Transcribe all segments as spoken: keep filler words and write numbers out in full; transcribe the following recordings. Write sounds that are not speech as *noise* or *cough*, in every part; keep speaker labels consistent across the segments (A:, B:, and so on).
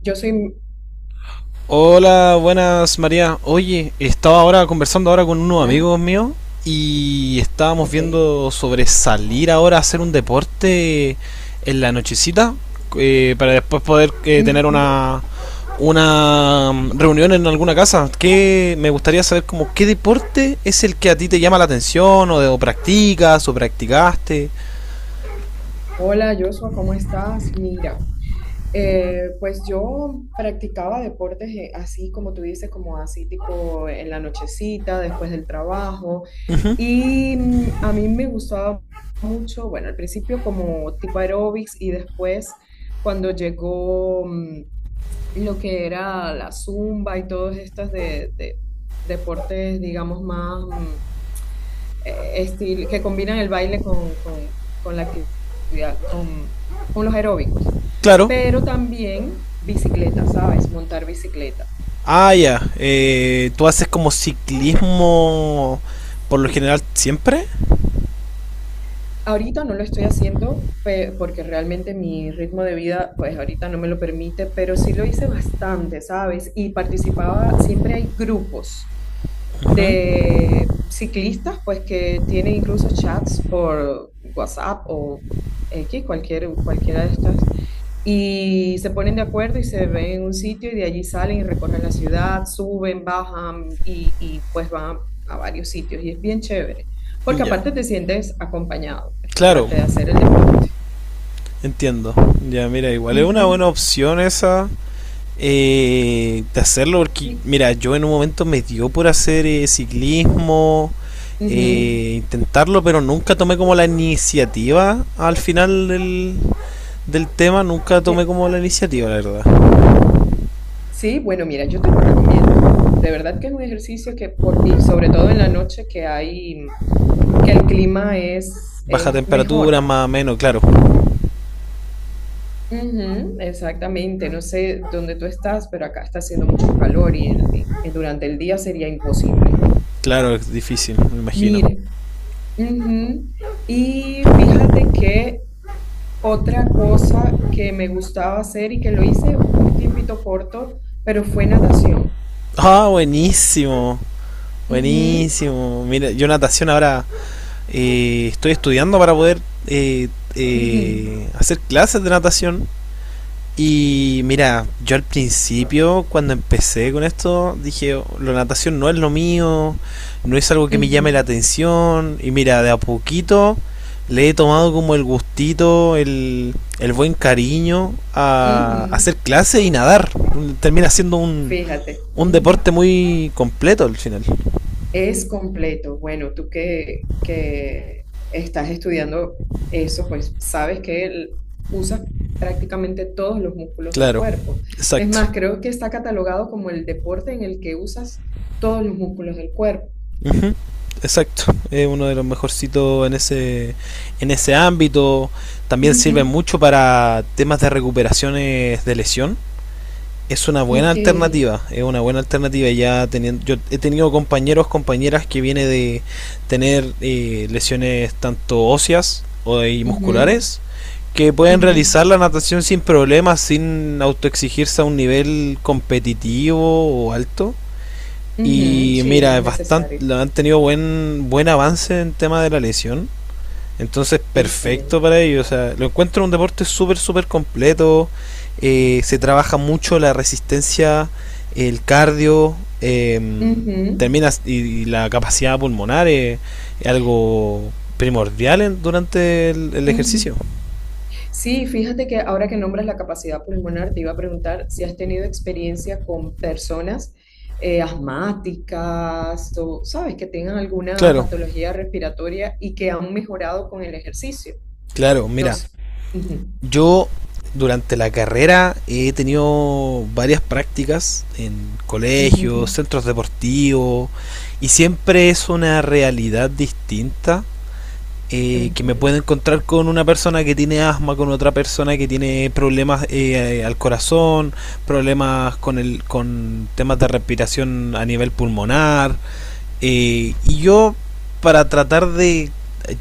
A: Yo soy,
B: Hola, buenas María. Oye, estaba ahora conversando ahora con unos
A: hola,
B: amigos míos y estábamos
A: ok.
B: viendo sobre salir ahora a hacer un deporte en la nochecita, eh, para después poder eh, tener
A: Ujú.
B: una una mm, reunión en alguna casa. Que me gustaría saber como qué deporte es el que a ti te llama la atención o, de- o practicas o practicaste.
A: Hola, Joshua, ¿cómo estás? Mira, eh, pues yo practicaba deportes eh, así como tú dices, como así tipo en la nochecita, después del trabajo. Y mm, a mí me gustaba mucho, bueno, al principio como tipo aeróbics y después cuando llegó mm, lo que era la zumba y todos estos de, de deportes, digamos, más mm, eh, estil- que combinan el baile con, con- con la actividad, con, con los aeróbicos.
B: Claro.
A: Pero también bicicleta, ¿sabes? Montar bicicleta.
B: Ah, ya. Eh, ¿tú haces como ciclismo por lo
A: Sí,
B: general siempre?
A: ahorita no lo estoy haciendo pe- porque realmente mi ritmo de vida, pues ahorita no me lo permite, pero sí lo hice bastante, ¿sabes? Y participaba, siempre hay grupos
B: Ujú.
A: de ciclistas, pues que tienen incluso chats por WhatsApp o X, cualquier, cualquiera de estas. Y se ponen de acuerdo y se ven en un sitio y de allí salen y recorren la ciudad, suben, bajan y, y pues van a, a varios sitios. Y es bien chévere, porque
B: Ya.
A: aparte te sientes acompañado, pues,
B: Claro,
A: aparte de hacer el deporte.
B: entiendo. Ya, mira, igual es una
A: Ujú.
B: buena opción esa eh, de hacerlo porque,
A: Y-
B: mira, yo en un momento me dio por hacer eh, ciclismo,
A: ujú.
B: eh, intentarlo, pero nunca tomé como la iniciativa al final del, del tema, nunca tomé
A: De-
B: como la iniciativa, la verdad.
A: sí, bueno, mira, yo te lo recomiendo. De verdad que es un ejercicio que, por, y sobre todo en la noche que hay, que el clima es,
B: Baja
A: es
B: temperatura,
A: mejor.
B: más o menos, claro.
A: Ujú, exactamente, no sé dónde tú estás, pero acá está haciendo mucho calor y en- en- durante el día sería imposible.
B: Claro, es difícil, me imagino.
A: Mire, ujú. Y fíjate que otra cosa que me gustaba hacer y que lo hice un tiempito corto, pero fue natación.
B: Ah, buenísimo.
A: Ujú,
B: Buenísimo. Mira, yo natación ahora eh, estoy estudiando para poder eh,
A: ujú,
B: eh, hacer clases de natación. Y mira, yo al principio, cuando empecé con esto, dije, "Oh, la natación no es lo mío, no es algo que me llame
A: ujú,
B: la atención. Y mira, de a poquito le he tomado como el gustito, el, el buen cariño a
A: ujú.
B: hacer clases y nadar. Termina siendo un,
A: Fíjate.
B: un deporte muy completo al final.
A: Es completo. Bueno, tú que, que estás estudiando eso, pues sabes que el- usas prácticamente todos los músculos del
B: Claro,
A: cuerpo. Es
B: exacto.
A: más, creo que está catalogado como el deporte en el que usas todos los músculos del cuerpo.
B: Ujú. Exacto, es uno de los mejorcitos en ese, en ese ámbito. También sirve
A: Ujú.
B: mucho para temas de recuperaciones de lesión. Es una buena
A: Ok.
B: alternativa, es una buena alternativa. Ya teniendo, yo he tenido compañeros, compañeras que viene de tener eh, lesiones tanto óseas o y
A: Ujú,
B: musculares que pueden
A: ujú,
B: realizar la natación sin problemas, sin autoexigirse a un nivel competitivo o alto.
A: ujú.
B: Y
A: Sí, no
B: mira,
A: es
B: es bastante,
A: necesario.
B: han tenido buen, buen avance en tema de la lesión. Entonces, perfecto
A: Excelente.
B: para ellos. O sea, lo encuentro un deporte súper, súper completo. Eh, se trabaja mucho la resistencia, el cardio, eh,
A: Ujú,
B: terminas y, y, la capacidad pulmonar es, es algo primordial en, durante el, el
A: ujú.
B: ejercicio.
A: Sí, fíjate que ahora que nombras la capacidad pulmonar, te iba a preguntar si has tenido experiencia con personas eh, asmáticas o, sabes, que tengan alguna
B: Claro,
A: patología respiratoria y que han mejorado con el ejercicio.
B: claro,
A: No
B: mira.
A: sé. Ujú,
B: Yo durante la carrera he tenido varias prácticas en
A: ujú,
B: colegios, centros deportivos, y siempre es una realidad distinta eh, que me puedo
A: ujú.
B: encontrar con una persona que tiene asma, con otra persona que tiene problemas eh, al corazón, problemas con el con temas de respiración a nivel pulmonar, eh, y yo, para tratar de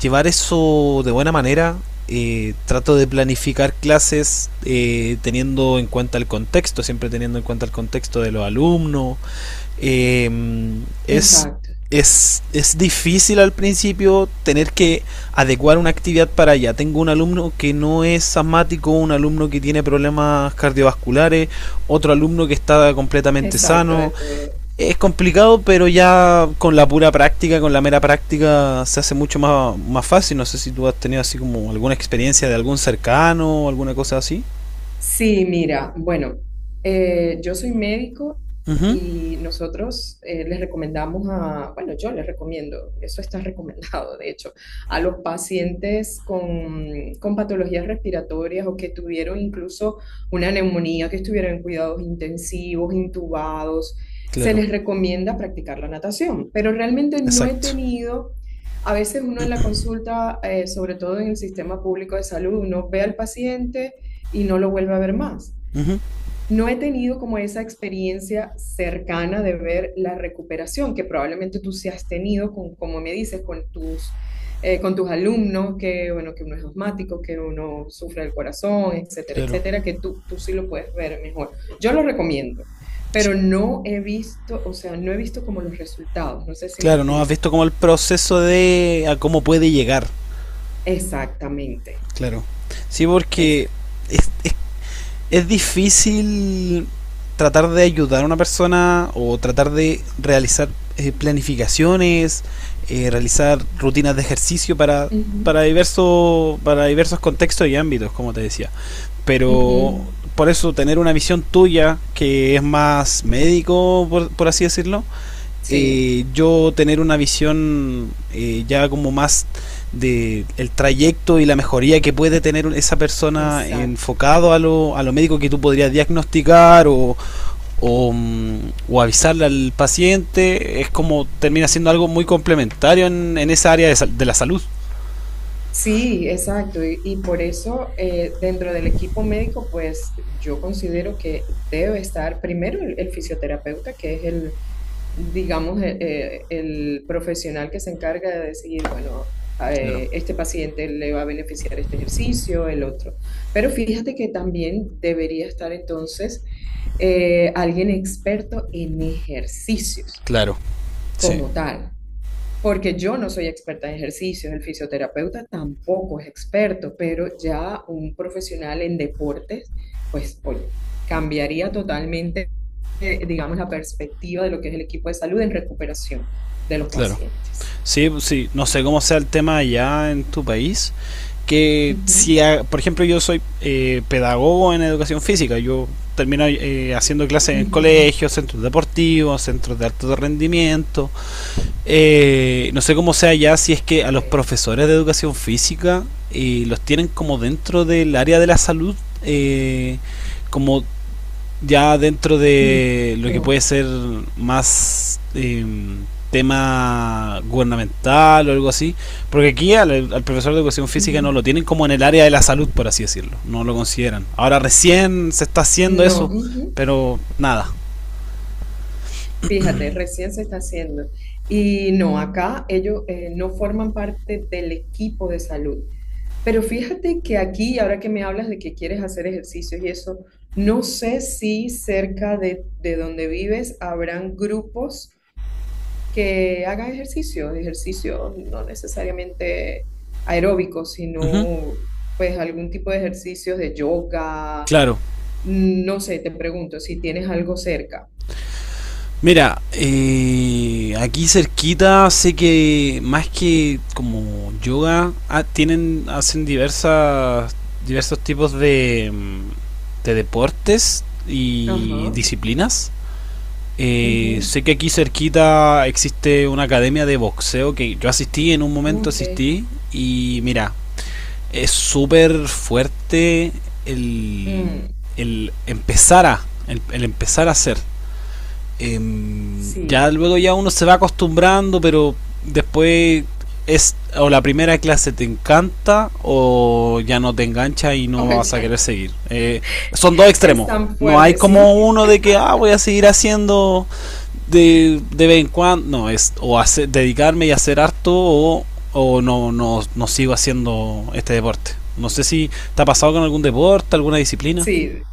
B: llevar eso de buena manera, eh, trato de planificar clases eh, teniendo en cuenta el contexto, siempre teniendo en cuenta el contexto de los alumnos. Eh, es,
A: Exacto,
B: es, es difícil al principio tener que adecuar una actividad para allá. Tengo un alumno que no es asmático, un alumno que tiene problemas cardiovasculares, otro alumno que está completamente
A: exacto, de
B: sano.
A: todo.
B: Es complicado, pero ya con la pura práctica, con la mera práctica, se hace mucho más, más fácil. No sé si tú has tenido así como alguna experiencia de algún cercano o alguna cosa así.
A: Sí, mira, bueno, eh, yo soy médico
B: Ujú.
A: y nosotros eh, les recomendamos a, bueno, yo les recomiendo, eso está *laughs* recomendado, de hecho, a los pacientes con, con patologías respiratorias o que tuvieron incluso una neumonía, que estuvieron en cuidados intensivos, intubados, se
B: Claro,
A: les recomienda practicar la natación, pero realmente no he
B: exacto.
A: tenido. A veces uno en la consulta, eh, sobre todo en el sistema público de salud, uno ve al paciente, y no lo vuelve a ver más.
B: Ujú.
A: No he tenido como esa experiencia cercana de ver la recuperación que probablemente tú sí has tenido, con, como me dices, con tus, eh, con tus alumnos, que, bueno, que uno es asmático, que uno sufre del corazón, etcétera,
B: Claro.
A: etcétera, que tú, tú sí lo puedes ver mejor. Yo lo recomiendo,
B: Sí.
A: pero no he visto, o sea, no he visto como los resultados, no sé si me
B: Claro, no has
A: explico.
B: visto como el proceso de a cómo puede llegar.
A: Exactamente,
B: Claro. Sí,
A: esa.
B: porque es, es difícil tratar de ayudar a una persona o tratar de realizar eh, planificaciones, eh, realizar rutinas de ejercicio para,
A: Ujú,
B: para, diverso, para diversos contextos y ámbitos, como te decía. Pero
A: ujú.
B: por eso tener una visión tuya que es más médico, por, por así decirlo,
A: Sí,
B: eh, yo tener una visión eh, ya como más de el trayecto y la mejoría que puede tener esa persona
A: exacto.
B: enfocado a lo, a lo médico que tú podrías diagnosticar o, o, mm, o avisarle al paciente, es como termina siendo algo muy complementario en, en esa área de, de la salud.
A: Sí, exacto. Y, y por eso eh, dentro del equipo médico, pues yo considero que debe estar primero el, el fisioterapeuta, que es el, digamos, eh, eh, el profesional que se encarga de decir, bueno,
B: Claro.
A: eh, este paciente le va a beneficiar este ejercicio, el otro. Pero fíjate que también debería estar entonces eh, alguien experto en ejercicios
B: Claro, sí,
A: como tal, porque yo no soy experta en ejercicios, el fisioterapeuta tampoco es experto, pero ya un profesional en deportes, pues oye, cambiaría totalmente, eh, digamos, la perspectiva de lo que es el equipo de salud en recuperación de los
B: claro.
A: pacientes.
B: Sí, pues sí, no sé cómo sea el tema allá en tu país, que
A: Ujú,
B: si, a- por ejemplo, yo soy eh, pedagogo en educación física, yo termino eh, haciendo clases en
A: ujú.
B: colegios, centros deportivos, centros de alto rendimiento, eh, no sé cómo sea ya si es que a los
A: Bueno,
B: profesores de educación física eh, los tienen como dentro del área de la salud, eh, como ya dentro
A: n-
B: de lo que
A: no,
B: puede ser más eh, tema gubernamental o algo así, porque aquí al, al, profesor de educación física no
A: ujú,
B: lo tienen como en el área de la salud, por así decirlo, no lo consideran. Ahora recién se está haciendo
A: no,
B: eso,
A: ujú.
B: pero nada.
A: Fíjate, recién se está haciendo. Y no, acá ellos eh, no forman parte del equipo de salud. Pero fíjate que aquí, ahora que me hablas de que quieres hacer ejercicios y eso, no sé si cerca de, de donde vives habrán grupos que hagan ejercicios, ejercicios no necesariamente aeróbicos,
B: Uh -huh.
A: sino pues algún tipo de ejercicios de yoga,
B: Claro.
A: no sé, te pregunto si tienes algo cerca.
B: Mira, eh, aquí cerquita sé que más que como yoga ah, tienen hacen diversas diversos tipos de, mm, de deportes y
A: Ajá.
B: disciplinas. Eh,
A: Ujú.
B: sé que aquí cerquita existe una academia de boxeo que yo asistí en un momento
A: Ok.
B: asistí y mira, es súper fuerte el,
A: mm,
B: el empezar a el, el empezar a hacer eh, ya
A: sí.
B: luego ya uno se va acostumbrando, pero después es o la primera clase te encanta o ya no te engancha y
A: Oh, *laughs*
B: no vas a
A: ya
B: querer
A: no.
B: seguir. Eh, son dos
A: Es
B: extremos.
A: tan
B: No hay
A: fuerte,
B: como
A: sí.
B: uno de que ah, voy a seguir haciendo de, de vez en cuando. No, es o hacer, dedicarme y hacer harto o, o no, no, no sigo haciendo este deporte. No sé si te ha pasado con algún deporte, alguna disciplina.
A: Sí.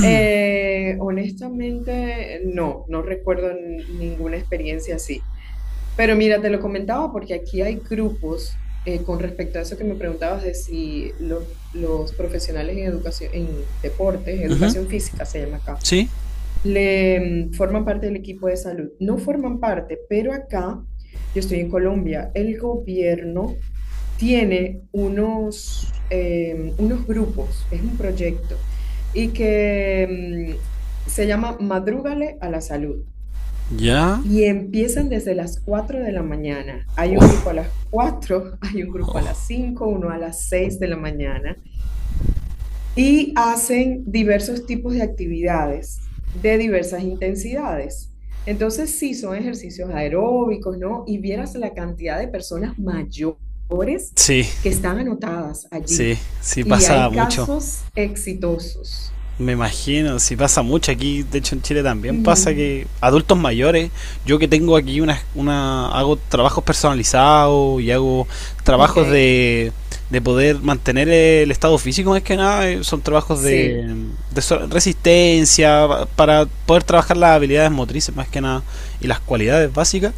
A: Eh, honestamente, no, no recuerdo n- ninguna experiencia así. Pero mira, te lo comentaba porque aquí hay grupos eh, con respecto a eso que me preguntabas de si lo- los profesionales en educación, en deportes, educación física se llama acá.
B: ¿Sí?
A: Le, mm, forman parte del equipo de salud. No forman parte, pero acá, yo estoy en Colombia, el gobierno tiene unos, eh, unos grupos, es un proyecto, y que mm, se llama Madrúgale a la Salud.
B: ¿Ya?
A: Y empiezan desde las cuatro de la mañana. Hay un grupo
B: Uf.
A: a las cuatro, *laughs* hay un grupo a las cinco, uno a las seis de la mañana, y hacen diversos tipos de actividades de diversas intensidades. Entonces, sí, son ejercicios aeróbicos, ¿no? Y vieras la cantidad de personas mayores
B: Sí.
A: que están anotadas
B: Sí,
A: allí.
B: sí
A: Y
B: pasa
A: hay
B: mucho.
A: casos exitosos.
B: Me imagino, sí pasa mucho aquí, de hecho en Chile también pasa
A: Ujú.
B: que adultos mayores, yo que tengo aquí una, una hago trabajos personalizados y hago
A: Ok,
B: trabajos de, de poder mantener el estado físico. Es que nada, eh, son trabajos
A: sí.
B: de, de so- resistencia pa- para poder trabajar las habilidades motrices más que nada y las cualidades básicas.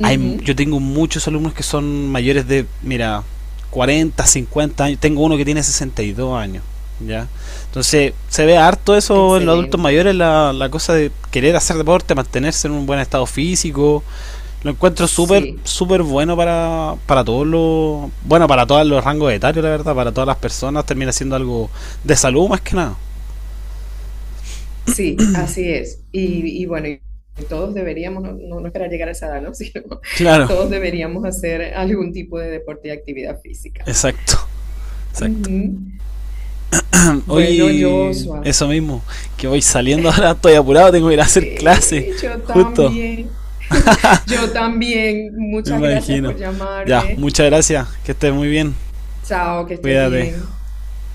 B: Hay,
A: Ujú.
B: yo tengo muchos alumnos que son mayores de, mira, cuarenta, cincuenta años. Tengo uno que tiene sesenta y dos años. ¿Ya? Entonces, se ve harto eso en los adultos
A: Excelente.
B: mayores, la, la cosa de querer hacer deporte, mantenerse en un buen estado físico. Lo encuentro súper,
A: Sí.
B: súper bueno para, para todos los. Bueno, para todos los rangos etarios, la verdad, para todas las personas. Termina siendo algo de salud más que nada.
A: Sí, así es. Y, y bueno, y todos deberíamos, no, no- no esperar llegar a esa edad, ¿no? *laughs* Sino
B: Claro,
A: todos deberíamos hacer algún tipo de deporte y actividad física.
B: exacto, exacto.
A: Ujú. Bueno,
B: Oye,
A: Joshua,
B: eso mismo, que voy saliendo *laughs* ahora, estoy apurado, tengo que ir a hacer clase,
A: eh, yo
B: justo,
A: también, *laughs* yo también.
B: me
A: Muchas gracias
B: imagino.
A: por
B: Ya,
A: llamarme.
B: muchas gracias, que estés muy bien,
A: Chao, que estés
B: cuídate.
A: bien.